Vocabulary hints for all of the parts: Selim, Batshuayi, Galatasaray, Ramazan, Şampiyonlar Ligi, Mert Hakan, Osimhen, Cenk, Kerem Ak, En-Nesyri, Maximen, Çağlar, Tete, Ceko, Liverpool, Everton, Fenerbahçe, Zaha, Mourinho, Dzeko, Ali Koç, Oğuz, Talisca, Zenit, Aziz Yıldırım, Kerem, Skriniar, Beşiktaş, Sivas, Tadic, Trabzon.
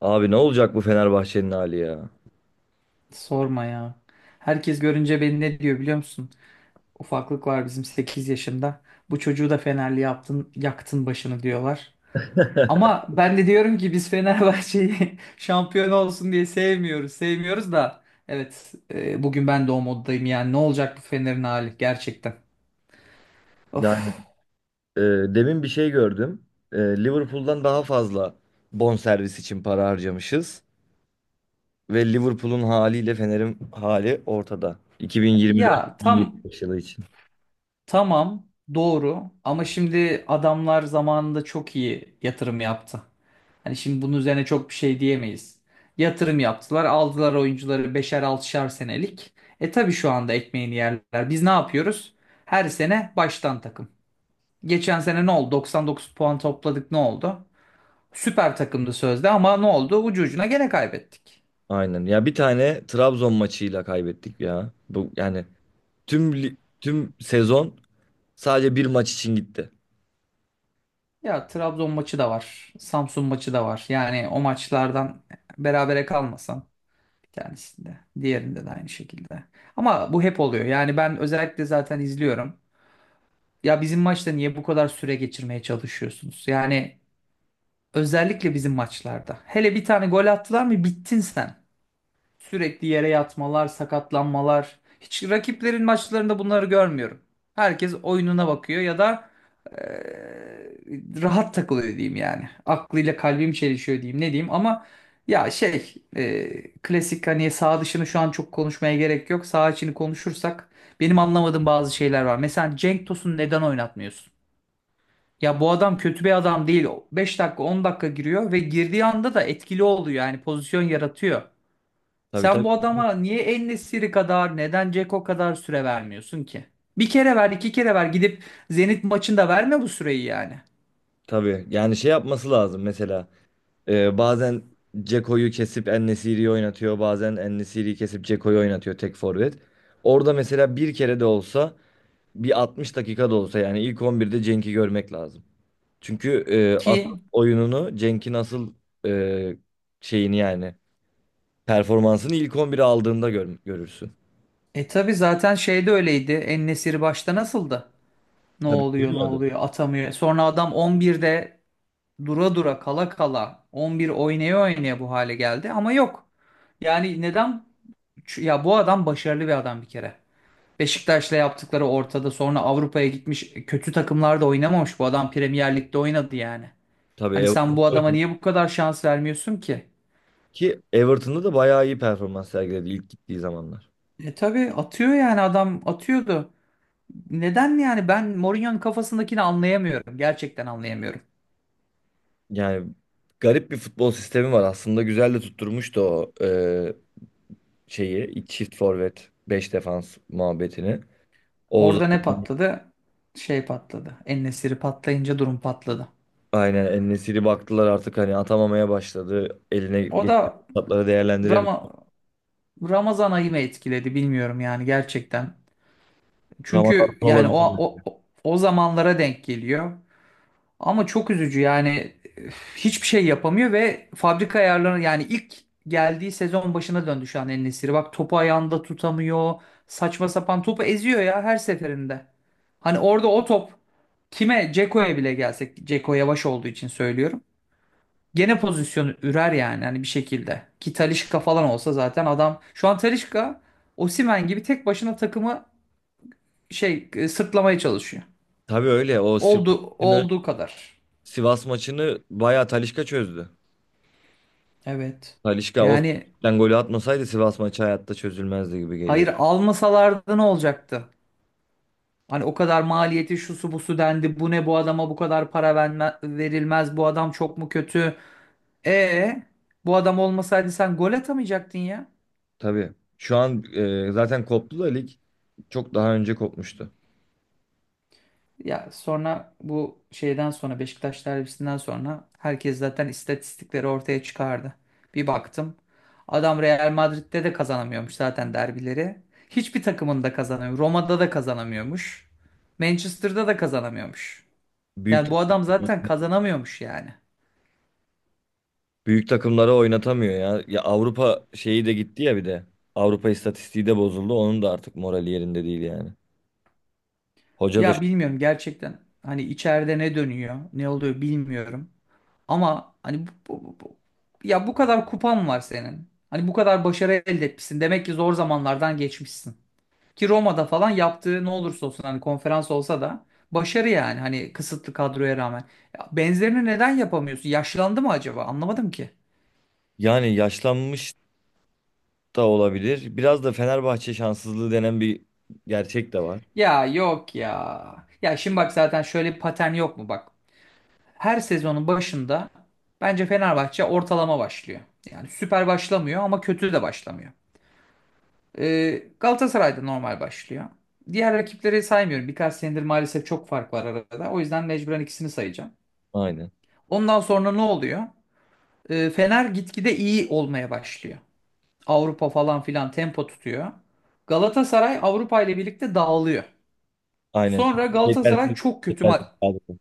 Abi ne olacak bu Fenerbahçe'nin hali ya? Sorma ya. Herkes görünce beni ne diyor biliyor musun? Ufaklık var bizim 8 yaşında. Bu çocuğu da Fenerli yaptın, yaktın başını diyorlar. Ama ben de diyorum ki biz Fenerbahçe'yi şampiyon olsun diye sevmiyoruz. Sevmiyoruz da evet, bugün ben de o moddayım yani ne olacak bu Fener'in hali gerçekten. Of. Yani e, demin bir şey gördüm. E, Liverpool'dan daha fazla bonservis için para harcamışız. Ve Liverpool'un haliyle Fener'in hali ortada. Ya tam 2024-2025 yılı için. tamam doğru ama şimdi adamlar zamanında çok iyi yatırım yaptı. Hani şimdi bunun üzerine çok bir şey diyemeyiz. Yatırım yaptılar, aldılar oyuncuları 5'er 6'şar senelik. Tabii şu anda ekmeğini yerler. Biz ne yapıyoruz? Her sene baştan takım. Geçen sene ne oldu? 99 puan topladık, ne oldu? Süper takımdı sözde ama ne oldu? Ucu ucuna gene kaybettik. Aynen. Ya bir tane Trabzon maçıyla kaybettik ya. Bu yani tüm sezon sadece bir maç için gitti. Ya Trabzon maçı da var. Samsun maçı da var. Yani o maçlardan berabere kalmasan bir tanesinde. Diğerinde de aynı şekilde. Ama bu hep oluyor. Yani ben özellikle zaten izliyorum. Ya bizim maçta niye bu kadar süre geçirmeye çalışıyorsunuz? Yani özellikle bizim maçlarda. Hele bir tane gol attılar mı bittin sen. Sürekli yere yatmalar, sakatlanmalar. Hiç rakiplerin maçlarında bunları görmüyorum. Herkes oyununa bakıyor ya da eee, rahat takılıyor diyeyim yani. Aklıyla kalbim çelişiyor diyeyim ne diyeyim ama ya şey, klasik. Hani sağ dışını şu an çok konuşmaya gerek yok. Sağ içini konuşursak benim anlamadığım bazı şeyler var. Mesela Cenk Tosun'u neden oynatmıyorsun? Ya bu adam kötü bir adam değil. 5 dakika 10 dakika giriyor ve girdiği anda da etkili oluyor yani, pozisyon yaratıyor. Tabii, Sen bu tabii. adama niye En-Nesyri kadar, neden Ceko kadar süre vermiyorsun ki? Bir kere ver, iki kere ver, gidip Zenit maçında verme bu süreyi yani. Tabii. Yani şey yapması lazım mesela. Bazen Ceko'yu kesip En-Nesyri'yi oynatıyor. Bazen En-Nesyri'yi kesip Ceko'yu oynatıyor tek forvet. Orada mesela bir kere de olsa bir 60 dakika da olsa yani ilk on birde Cenk'i görmek lazım. Çünkü asıl Ki oyununu Cenk'in asıl e, şeyini yani performansını ilk 11'e aldığında gör, görürsün. Tabi zaten şeyde öyleydi. En-Nesyri başta nasıldı? Ne Tabii, oluyor ne olmadı. oluyor, atamıyor. Sonra adam 11'de dura dura, kala kala, 11 oynaya oynaya bu hale geldi ama yok. Yani neden? Ya bu adam başarılı bir adam bir kere. Beşiktaş'la yaptıkları ortada. Sonra Avrupa'ya gitmiş. Kötü takımlarda oynamamış. Bu adam Premier Lig'de oynadı yani. Tabii, Hani sen Everton bu adama niye bu kadar şans vermiyorsun ki? ki Everton'da da bayağı iyi performans sergiledi ilk gittiği zamanlar. Tabii atıyor yani, adam atıyordu. Neden yani, ben Mourinho'nun kafasındakini anlayamıyorum. Gerçekten anlayamıyorum. Yani garip bir futbol sistemi var. Aslında güzel de tutturmuştu o şeyi, iki çift forvet 5 defans muhabbetini. Oğuz Orada ne patladı? Şey patladı. Patlayınca durum patladı. aynen, En-Nesyri baktılar artık hani atamamaya başladı. Eline O geçen da fırsatları değerlendiremiyor. Rama- Ramazan ayı mı etkiledi, bilmiyorum yani gerçekten. Ramazan Çünkü yani o, olabilir. o o zamanlara denk geliyor. Ama çok üzücü yani, üf, hiçbir şey yapamıyor ve fabrika ayarları yani, ilk geldiği sezon başına döndü şu an El Nesiri. Bak topu ayağında tutamıyor. Saçma sapan topu eziyor ya, her seferinde. Hani orada o top kime, Ceko'ya bile gelsek, Ceko yavaş olduğu için söylüyorum, gene pozisyonu ürer yani hani, bir şekilde. Ki Talisca falan olsa zaten, adam şu an Talisca Osimhen gibi tek başına takımı sırtlamaya çalışıyor. Tabii öyle. O Sivas Oldu, maçını, olduğu kadar. Sivas maçını bayağı Talisca çözdü. Evet. Talisca o Yani f***den golü atmasaydı Sivas maçı hayatta çözülmezdi gibi geliyor. hayır, almasalardı ne olacaktı? Hani o kadar maliyeti, şusu busu dendi. Bu ne, bu adama bu kadar para verilmez. Bu adam çok mu kötü? E bu adam olmasaydı sen gol atamayacaktın ya. Tabii. Şu an zaten koptu da lig çok daha önce kopmuştu. Ya sonra bu şeyden sonra, Beşiktaş derbisinden sonra, herkes zaten istatistikleri ortaya çıkardı. Bir baktım. Adam Real Madrid'de de kazanamıyormuş zaten derbileri. Hiçbir takımında kazanamıyor. Roma'da da kazanamıyormuş. Manchester'da da kazanamıyormuş. Büyük Yani bu adam zaten kazanamıyormuş yani. Büyük takımlara oynatamıyor ya. Ya Avrupa şeyi de gitti ya bir de. Avrupa istatistiği de bozuldu. Onun da artık morali yerinde değil yani. Hoca da Ya bilmiyorum gerçekten, hani içeride ne dönüyor, ne oluyor bilmiyorum. Ama hani ya bu kadar kupan var senin. Hani bu kadar başarı elde etmişsin. Demek ki zor zamanlardan geçmişsin. Ki Roma'da falan yaptığı, ne olursa olsun hani, konferans olsa da başarı yani, hani kısıtlı kadroya rağmen. Ya benzerini neden yapamıyorsun? Yaşlandı mı acaba? Anlamadım ki. yani yaşlanmış da olabilir. Biraz da Fenerbahçe şanssızlığı denen bir gerçek de var. Ya yok ya. Ya şimdi bak, zaten şöyle bir patern yok mu bak. Her sezonun başında bence Fenerbahçe ortalama başlıyor. Yani süper başlamıyor ama kötü de başlamıyor. Galatasaray'da normal başlıyor. Diğer rakipleri saymıyorum. Birkaç senedir maalesef çok fark var arada. O yüzden mecburen ikisini sayacağım. Aynen. Ondan sonra ne oluyor? Fener gitgide iyi olmaya başlıyor. Avrupa falan filan tempo tutuyor. Galatasaray Avrupa ile birlikte dağılıyor. Aynen. Sonra Çünkü Galatasaray çok kötü maç. yetersiz kadro.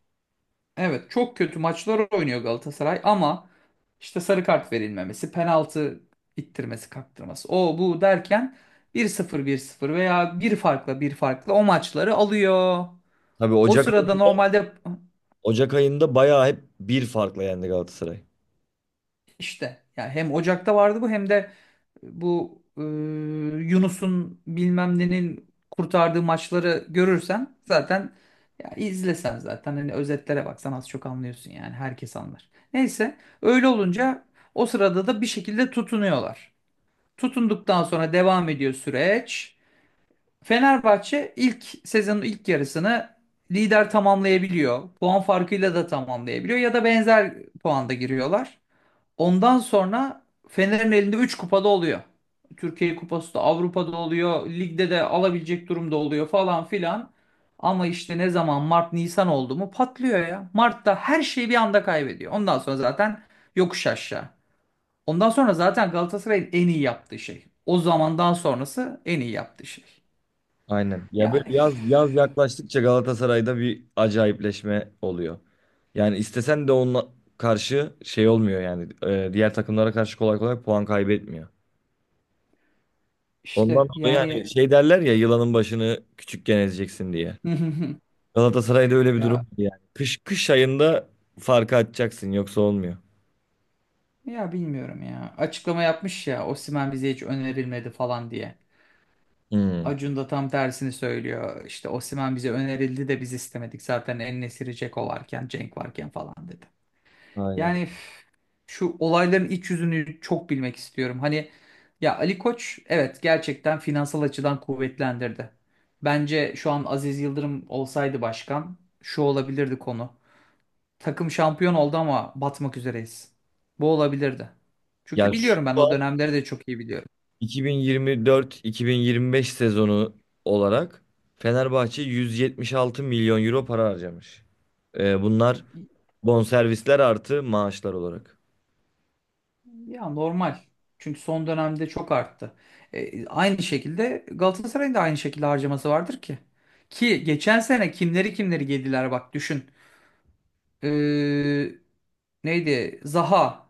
Evet, çok kötü maçlar oynuyor Galatasaray ama işte sarı kart verilmemesi, penaltı ittirmesi, kaktırması, o bu derken bir sıfır bir sıfır veya bir farkla, bir farkla o maçları alıyor. Tabii O sırada normalde Ocak ayında bayağı hep bir farkla yendi Galatasaray. işte yani, hem Ocak'ta vardı bu, hem de bu Yunus'un bilmem nenin kurtardığı maçları görürsen zaten, ya izlesen zaten, hani özetlere baksan az çok anlıyorsun yani, herkes anlar. Neyse, öyle olunca o sırada da bir şekilde tutunuyorlar. Tutunduktan sonra devam ediyor süreç. Fenerbahçe ilk sezonun ilk yarısını lider tamamlayabiliyor. Puan farkıyla da tamamlayabiliyor ya da benzer puanda giriyorlar. Ondan sonra Fener'in elinde 3 kupada oluyor. Türkiye Kupası da, Avrupa'da oluyor. Ligde de alabilecek durumda oluyor falan filan. Ama işte ne zaman Mart Nisan oldu mu, patlıyor ya. Mart'ta her şeyi bir anda kaybediyor. Ondan sonra zaten yokuş aşağı. Ondan sonra zaten Galatasaray'ın en iyi yaptığı şey. O zamandan sonrası en iyi yaptığı şey. Aynen. Ya böyle Yani üf, yaz yaz yaklaştıkça Galatasaray'da bir acayipleşme oluyor. Yani istesen de onunla karşı şey olmuyor yani diğer takımlara karşı kolay kolay puan kaybetmiyor. Ondan işte dolayı yani yani şey derler ya, yılanın başını küçükken ezeceksin diye. Galatasaray'da öyle bir durum ya var yani. Kış ayında farkı açacaksın, yoksa olmuyor. ya bilmiyorum ya. Açıklama yapmış ya, Osimhen bize hiç önerilmedi falan diye. Hmm. Acun da tam tersini söylüyor. İşte Osimhen bize önerildi de biz istemedik. Zaten En-Nesyri, Dzeko varken, Cenk varken falan dedi. Aynen. Yani üf, şu olayların iç yüzünü çok bilmek istiyorum. Hani ya, Ali Koç evet, gerçekten finansal açıdan kuvvetlendirdi. Bence şu an Aziz Yıldırım olsaydı başkan, şu olabilirdi konu. Takım şampiyon oldu ama batmak üzereyiz. Bu olabilirdi. Çünkü Ya şu biliyorum ben o dönemleri de çok iyi biliyorum. 2024-2025 sezonu olarak Fenerbahçe 176 milyon euro para harcamış. Bunlar bonservisler artı maaşlar olarak. Ya normal. Çünkü son dönemde çok arttı. Aynı şekilde Galatasaray'ın da aynı şekilde harcaması vardır ki. Ki geçen sene kimleri kimleri yediler bak, düşün. E, neydi? Zaha.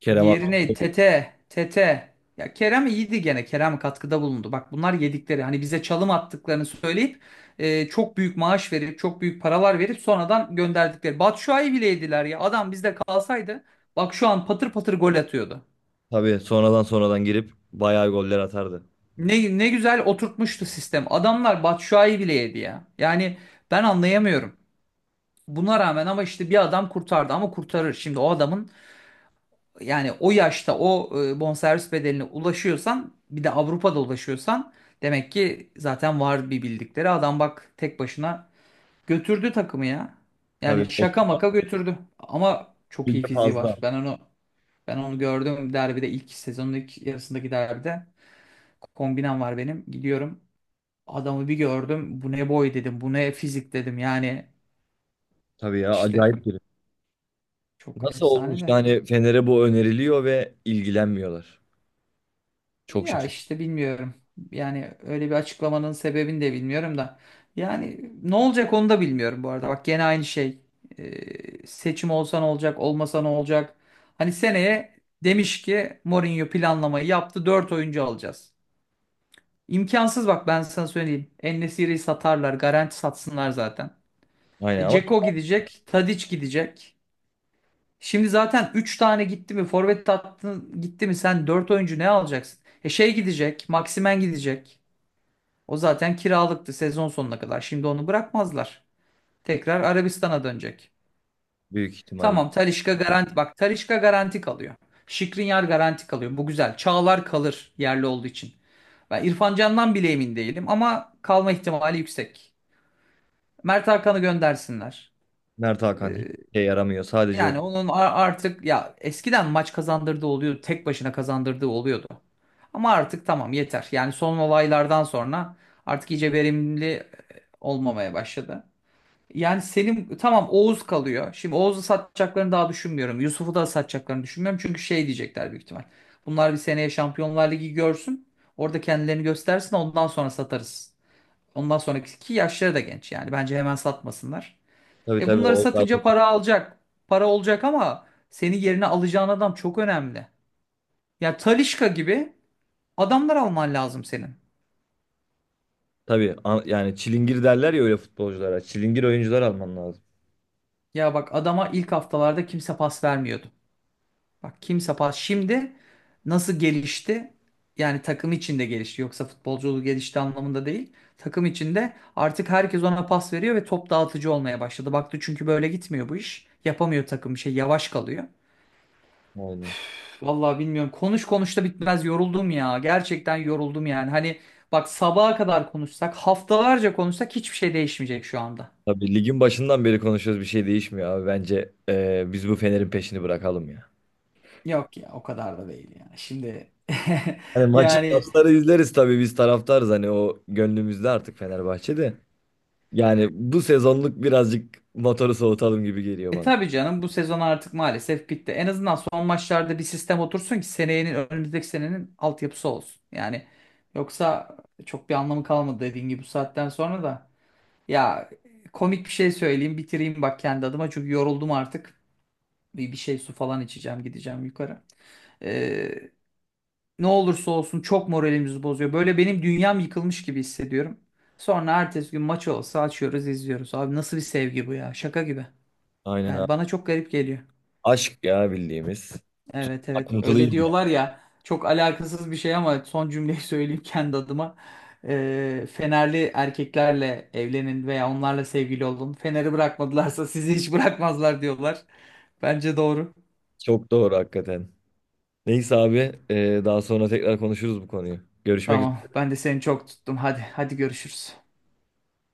Kerem Diğeri Ak neydi? Tete. Tete. Ya Kerem iyiydi gene. Kerem katkıda bulundu. Bak bunlar yedikleri. Hani bize çalım attıklarını söyleyip çok büyük maaş verip, çok büyük paralar verip sonradan gönderdikleri. Batshuayi bile yediler ya. Adam bizde kalsaydı bak şu an patır patır gol atıyordu. tabii, sonradan sonradan girip bayağı goller atardı. Ne, ne güzel oturtmuştu sistem. Adamlar Batshuayi bile yedi ya. Yani ben anlayamıyorum. Buna rağmen ama işte bir adam kurtardı ama, kurtarır. Şimdi o adamın yani, o yaşta o bonservis bedeline ulaşıyorsan, bir de Avrupa'da ulaşıyorsan, demek ki zaten var bir bildikleri. Adam bak tek başına götürdü takımı ya. Tabii, Yani o şaka maka götürdü. Ama çok iyi süre fiziği fazla. var. Ben onu, gördüm derbide, ilk sezonun ilk yarısındaki derbide, kombinem var benim. Gidiyorum. Adamı bir gördüm. Bu ne boy dedim. Bu ne fizik dedim. Yani Tabii ya, işte, acayip biri. çok Nasıl olmuş efsane de. yani, Fener'e bu öneriliyor ve ilgilenmiyorlar. Çok Ya şaşırdım. işte bilmiyorum. Yani öyle bir açıklamanın sebebini de bilmiyorum da. Yani ne olacak onu da bilmiyorum bu arada. Bak gene aynı şey. Seçim olsa ne olacak, olmasa ne olacak? Hani seneye demiş ki Mourinho planlamayı yaptı. Dört oyuncu alacağız. İmkansız, bak ben sana söyleyeyim. En-Nesyri'yi satarlar. Garanti, satsınlar zaten. Aynen, E, ama Dzeko çok gidecek. Tadic gidecek. Şimdi zaten 3 tane gitti mi, forvet attın gitti mi sen, 4 oyuncu ne alacaksın? Şey gidecek, Maximen gidecek. O zaten kiralıktı sezon sonuna kadar. Şimdi onu bırakmazlar. Tekrar Arabistan'a dönecek. büyük ihtimalle. Tamam, Talisca garanti, bak Talisca garanti kalıyor. Skriniar garanti kalıyor. Bu güzel. Çağlar kalır yerli olduğu için. Ben İrfan Can'dan bile emin değilim ama kalma ihtimali yüksek. Mert Hakan'ı göndersinler. Mert Hakan Ee, hiç şey yaramıyor. Sadece Yani orada. onun artık, ya eskiden maç kazandırdığı oluyordu. Tek başına kazandırdığı oluyordu. Ama artık tamam, yeter. Yani son olaylardan sonra artık iyice verimli olmamaya başladı. Yani Selim tamam, Oğuz kalıyor. Şimdi Oğuz'u satacaklarını daha düşünmüyorum. Yusuf'u da satacaklarını düşünmüyorum. Çünkü şey diyecekler büyük ihtimal. Bunlar bir seneye Şampiyonlar Ligi görsün. Orada kendilerini göstersin ondan sonra satarız. Ondan sonraki ki yaşları da genç yani. Bence hemen satmasınlar. Tabii, E tabii. bunları O satınca para alacak. Para olacak ama seni yerine alacağın adam çok önemli. Ya Talisca gibi adamlar alman lazım senin. tabii yani çilingir derler ya öyle futbolculara. Çilingir oyuncular alman lazım. Ya bak, adama ilk haftalarda kimse pas vermiyordu. Bak kimse pas. Şimdi nasıl gelişti? Yani takım içinde gelişti. Yoksa futbolculuğu gelişti anlamında değil. Takım içinde artık herkes ona pas veriyor ve top dağıtıcı olmaya başladı. Baktı çünkü böyle gitmiyor bu iş. Yapamıyor takım bir şey. Yavaş kalıyor. Aynen. Vallahi bilmiyorum. Konuş konuş da bitmez. Yoruldum ya. Gerçekten yoruldum yani. Hani bak, sabaha kadar konuşsak, haftalarca konuşsak hiçbir şey değişmeyecek şu anda. Tabii ligin başından beri konuşuyoruz, bir şey değişmiyor abi. Bence biz bu Fener'in peşini bırakalım ya. Yok ya, o kadar da değil ya. Şimdi Hani maçı, yani maçları izleriz tabii, biz taraftarız hani, o gönlümüzde artık Fenerbahçe'de. Yani bu sezonluk birazcık motoru soğutalım gibi geliyor bana. tabii canım, bu sezon artık maalesef bitti. En azından son maçlarda bir sistem otursun ki senenin, önümüzdeki senenin altyapısı olsun. Yani yoksa çok bir anlamı kalmadı dediğin gibi bu saatten sonra da. Ya komik bir şey söyleyeyim, bitireyim bak kendi adıma çünkü yoruldum artık. Bir şey, su falan içeceğim, gideceğim yukarı. Ee, ne olursa olsun çok moralimizi bozuyor. Böyle benim dünyam yıkılmış gibi hissediyorum. Sonra ertesi gün maç olsa açıyoruz, izliyoruz. Abi nasıl bir sevgi bu ya, şaka gibi. Aynen Yani abi. bana çok garip geliyor. Aşk ya, bildiğimiz. Evet evet, Akıntılıyız öyle ya. diyorlar ya, çok alakasız bir şey ama son cümleyi söyleyeyim kendi adıma. Fenerli erkeklerle evlenin veya onlarla sevgili olun. Fener'i bırakmadılarsa sizi hiç bırakmazlar diyorlar. Bence doğru. Çok doğru hakikaten. Neyse abi, daha sonra tekrar konuşuruz bu konuyu. Görüşmek Tamam, üzere. ben de seni çok tuttum. Hadi, hadi görüşürüz.